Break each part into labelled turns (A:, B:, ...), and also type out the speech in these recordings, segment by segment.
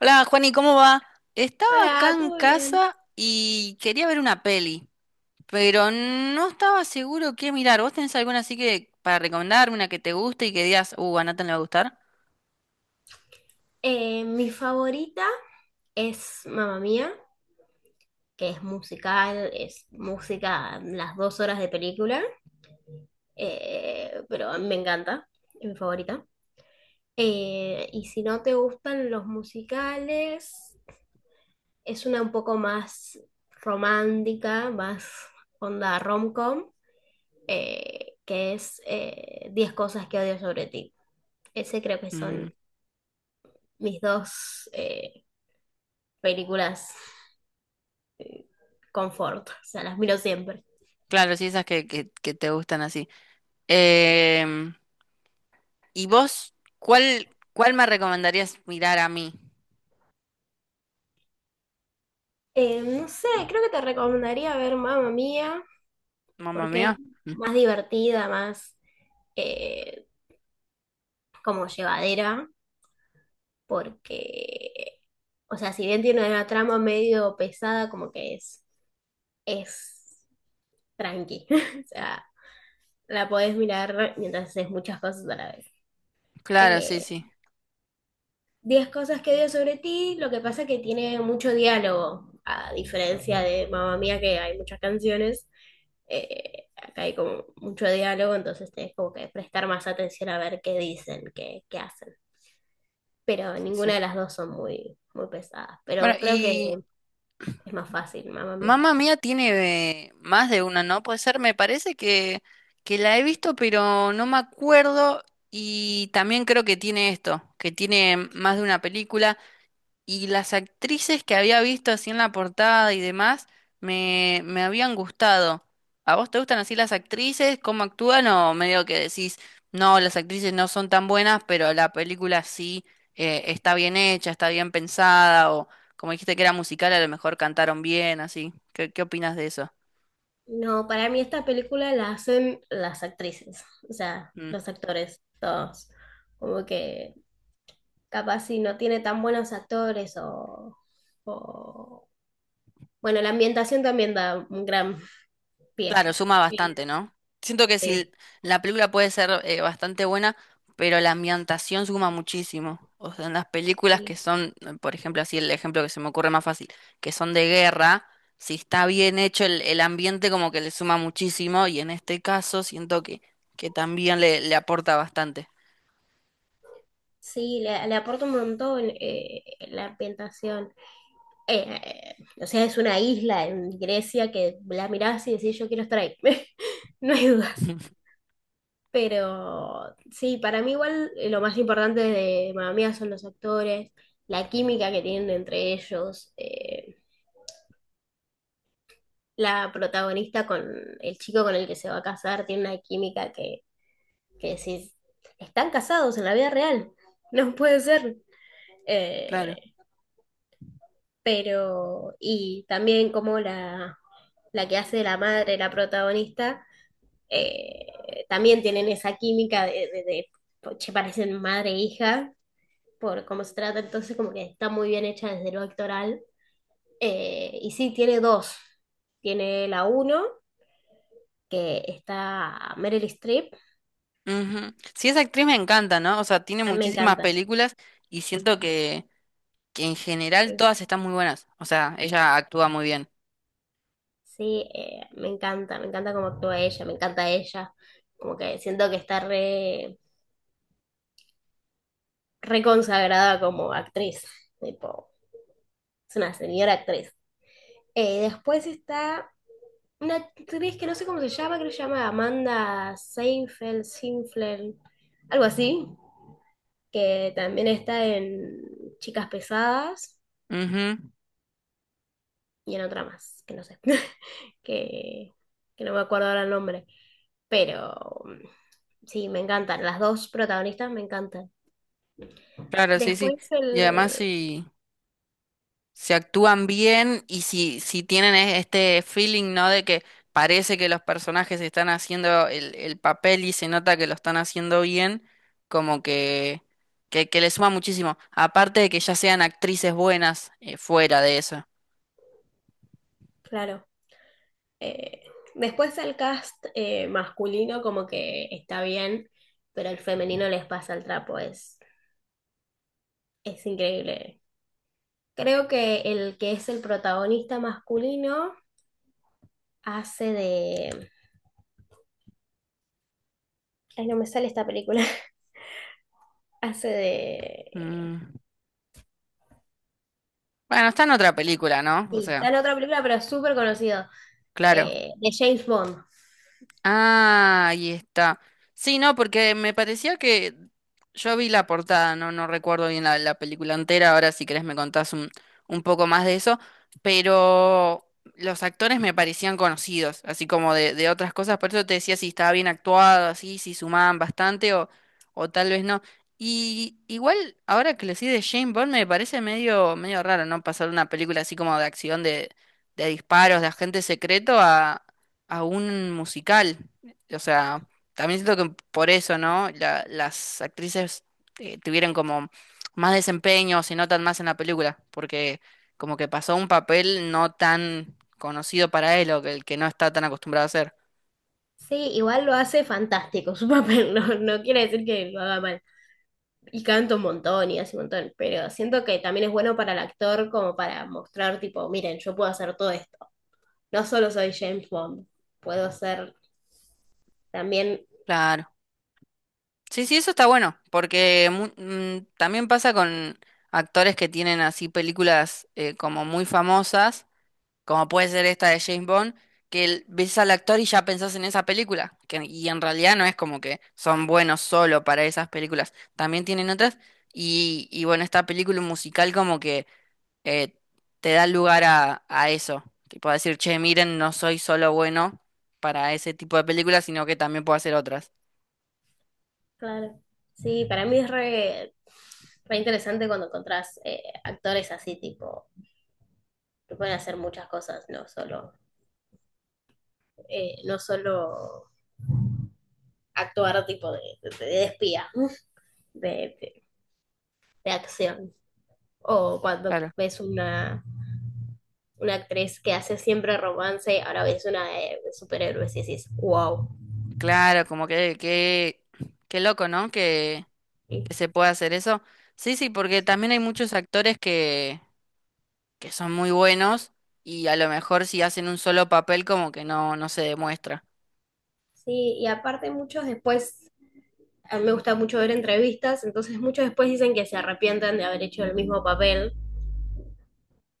A: Hola, Juani, ¿cómo va? Estaba acá
B: Hola,
A: en
B: ¿todo bien?
A: casa y quería ver una peli, pero no estaba seguro qué mirar. ¿Vos tenés alguna así que para recomendarme, una que te guste y que digas, a Nathan le va a gustar?
B: Mi favorita es Mamma Mía, que es musical, es música las 2 horas de película, pero a mí me encanta, es mi favorita. Y si no te gustan los musicales, es una un poco más romántica, más onda rom-com, que es 10 cosas que odio sobre ti. Ese creo que
A: Mm,
B: son mis dos películas confort, o sea, las miro siempre.
A: claro, sí, esas que te gustan así. Em, ¿Y vos cuál me recomendarías mirar a mí?
B: No sé, creo que te recomendaría ver Mamma Mía,
A: Mamma
B: porque es
A: mía.
B: más divertida, más eh, como llevadera, porque, o sea, si bien tiene una trama medio pesada, como que es tranqui, o sea, la podés mirar mientras haces muchas cosas a la vez.
A: Claro, sí,
B: Eh,
A: sí,
B: 10 cosas que odio sobre ti, lo que pasa es que tiene mucho diálogo, a diferencia de Mamma Mía, que hay muchas canciones. Acá hay como mucho diálogo, entonces tenés como que prestar más atención a ver qué dicen, qué hacen. Pero
A: sí,
B: ninguna
A: sí.
B: de las dos son muy, muy pesadas.
A: Bueno,
B: Pero creo que
A: y
B: es más fácil, mamá mía.
A: Mamma Mía tiene más de una, ¿no? Puede ser, me parece que la he visto, pero no me acuerdo. Y también creo que tiene esto, que tiene más de una película. Y las actrices que había visto así en la portada y demás me habían gustado. ¿A vos te gustan así las actrices? ¿Cómo actúan? O medio que decís, no, las actrices no son tan buenas, pero la película sí está bien hecha, está bien pensada, o como dijiste que era musical, a lo mejor cantaron bien, así. ¿Qué opinas de eso?
B: No, para mí esta película la hacen las actrices, o sea, los actores, todos. Como que capaz si no tiene tan buenos actores o- bueno, la ambientación también da un gran pie.
A: Claro, suma bastante, ¿no? Siento que
B: Sí,
A: si la película puede ser bastante buena, pero la ambientación suma muchísimo. O sea, en las películas que
B: sí.
A: son, por ejemplo, así el ejemplo que se me ocurre más fácil, que son de guerra, si está bien hecho el ambiente como que le suma muchísimo y en este caso siento que también le aporta bastante.
B: Sí, le aporta un montón la ambientación. Eh, eh, o sea, es una isla en Grecia que la mirás y decís, yo quiero estar ahí. No hay dudas. Pero sí, para mí igual lo más importante de Mamma Mía son los actores, la química que tienen entre ellos, la protagonista con el chico con el que se va a casar tiene una química que decís, están casados en la vida real, no puede ser.
A: Claro.
B: Eh, pero y también como la que hace la madre, la protagonista, también tienen esa química che, parecen madre e hija por cómo se trata, entonces como que está muy bien hecha desde lo actoral. Y sí, tiene dos, tiene la uno, que está Meryl Streep,
A: Ujú. Sí, esa actriz me encanta, ¿no? O sea, tiene
B: a mí me
A: muchísimas
B: encanta.
A: películas y siento que en general
B: Eh,
A: todas están muy buenas. O sea, ella actúa muy bien.
B: Sí, me encanta cómo actúa ella, me encanta ella, como que siento que está re reconsagrada como actriz, tipo, es una señora actriz. Después está una actriz que no sé cómo se llama, creo que se llama Amanda Seinfeld, Sinfeld, algo así, que también está en Chicas Pesadas
A: Ujú,
B: y en otra más, que no sé, que, que no me acuerdo ahora el nombre, pero sí, me encantan, las dos protagonistas me encantan.
A: claro, sí, sí.
B: Después
A: Y además
B: el,
A: si actúan bien y si tienen este feeling, ¿no? De que parece que los personajes están haciendo el papel y se nota que lo están haciendo bien, como que le suma muchísimo. Aparte de que ya sean actrices buenas fuera de eso.
B: claro. Eh, después el cast masculino como que está bien, pero el femenino les pasa el trapo, es increíble. Creo que el que es el protagonista masculino hace de... Ay, no me sale esta película. Hace de...
A: Mm. Bueno, está en otra película, ¿no? O
B: Sí, está
A: sea,
B: en otra película, pero es súper conocido.
A: claro.
B: De James Bond.
A: Ah, ahí está. Sí, no, porque me parecía que yo vi la portada, no, no recuerdo bien la película entera, ahora si querés me contás un poco más de eso, pero los actores me parecían conocidos, así como de otras cosas, por eso te decía si estaba bien actuado, así, si sumaban bastante o tal vez no. Y igual, ahora que lo decís de James Bond, me parece medio, medio raro, ¿no? Pasar una película así como de acción de disparos, de agente secreto a un musical. O sea, también siento que por eso, ¿no? Las actrices tuvieron como más desempeño, se notan más en la película, porque como que pasó un papel no tan conocido para él o que el que no está tan acostumbrado a hacer.
B: Sí, igual lo hace fantástico su papel, no, no quiere decir que lo haga mal. Y canto un montón y hace un montón, pero siento que también es bueno para el actor como para mostrar, tipo, miren, yo puedo hacer todo esto. No solo soy James Bond, puedo ser también...
A: Claro. Sí, sí, eso está bueno, porque también pasa con actores que tienen así películas como muy famosas como puede ser esta de James Bond, que ves al actor y ya pensás en esa película, que, y en realidad no es como que son buenos solo para esas películas, también tienen otras, y bueno, esta película musical como que eh, te da lugar a eso, que puedo decir, che, miren, no soy solo bueno para ese tipo de películas, sino que también puedo hacer otras.
B: Claro. Sí, para mí es re interesante cuando encontrás actores así, tipo, que pueden hacer muchas cosas, no solo actuar tipo de espía, de, de- de acción. O cuando
A: Claro,
B: ves una actriz que hace siempre romance, ahora ves una de superhéroes y decís, wow.
A: claro, como qué loco, ¿no?
B: Sí,
A: Que se pueda hacer eso. Sí, sí, porque también hay muchos actores que son muy buenos y a lo mejor si hacen un solo papel como que no, no se demuestra.
B: y aparte muchos después, a mí me gusta mucho ver entrevistas, entonces muchos después dicen que se arrepienten de haber hecho el mismo papel,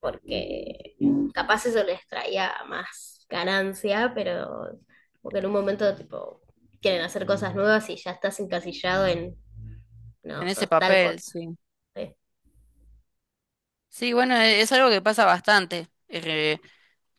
B: porque capaz eso les traía más ganancia, pero porque en un momento tipo quieren hacer cosas nuevas y ya estás encasillado en,
A: En
B: no,
A: ese
B: sos tal
A: papel,
B: cosa.
A: sí.
B: ¿Sí?
A: Sí, bueno, es, algo que pasa bastante,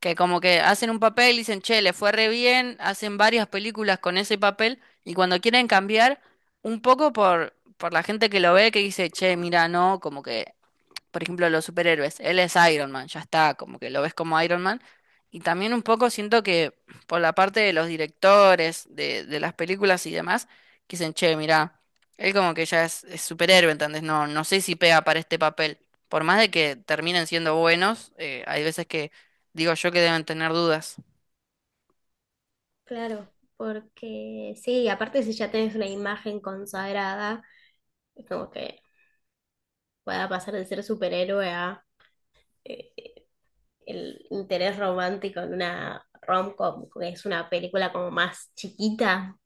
A: que como que hacen un papel y dicen, che, le fue re bien, hacen varias películas con ese papel y cuando quieren cambiar, un poco por la gente que lo ve que dice, che, mira, no, como que por ejemplo, los superhéroes. Él es Iron Man, ya está, como que lo ves como Iron Man. Y también un poco siento que por la parte de los directores, de las películas y demás, que dicen, che, mirá, él como que ya es superhéroe, ¿entendés? No, no sé si pega para este papel. Por más de que terminen siendo buenos, hay veces que digo yo que deben tener dudas.
B: Claro, porque sí, aparte si ya tenés una imagen consagrada, es como que pueda pasar de ser superhéroe a eh, el interés romántico en una rom-com, que es una película como más chiquita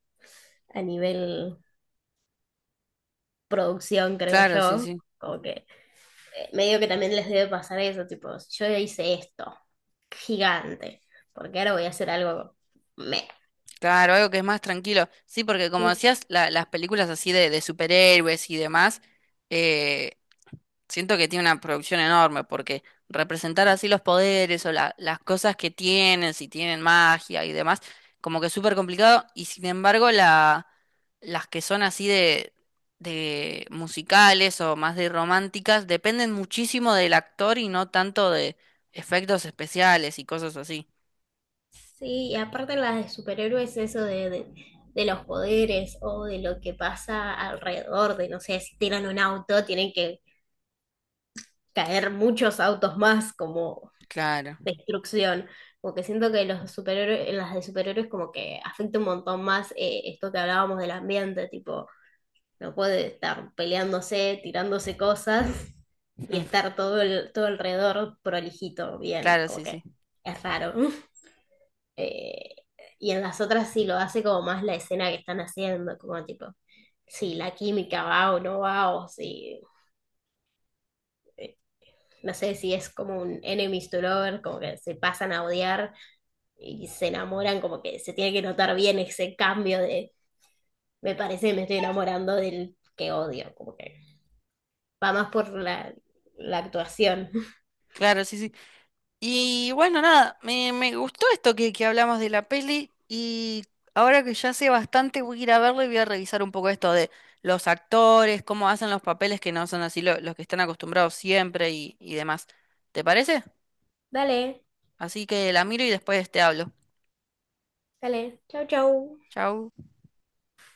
B: a nivel producción, creo
A: Claro, sí,
B: yo.
A: sí.
B: Como que medio que también les debe pasar eso, tipo, yo hice esto, gigante, porque ahora voy a hacer algo meh,
A: Claro, algo que es más tranquilo. Sí, porque como
B: ¿Sí?
A: decías, las películas así de superhéroes y demás, eh, siento que tiene una producción enorme porque representar así los poderes o las cosas que tienen, si tienen magia y demás, como que es súper complicado. Y sin embargo, la, las que son así de musicales o más de románticas dependen muchísimo del actor y no tanto de efectos especiales y cosas así.
B: Sí, y aparte las de superhéroes, eso de los poderes o de lo que pasa alrededor, de no sé, si tiran un auto, tienen que caer muchos autos más como
A: Claro,
B: destrucción. Como que siento que los superhéroes, en las de superhéroes como que afecta un montón más esto que hablábamos del ambiente, tipo, no puede estar peleándose, tirándose cosas y estar todo alrededor prolijito, bien,
A: claro,
B: como
A: sí,
B: que
A: sí.
B: es raro. Eh, y en las otras sí lo hace como más la escena que están haciendo, como tipo, si la química va o no va, o si no sé si es como un enemies to lover, como que se pasan a odiar y se enamoran, como que se tiene que notar bien ese cambio de me parece que me estoy enamorando del que odio, como que va más por la actuación.
A: Claro, sí, sí. Y bueno, nada, me gustó esto que hablamos de la peli y ahora que ya sé bastante voy a ir a verlo y voy a revisar un poco esto de los actores, cómo hacen los papeles que no son así los que están acostumbrados siempre y demás. ¿Te parece?
B: Dale,
A: Así que la miro y después te hablo.
B: dale, chau chau.
A: Chau.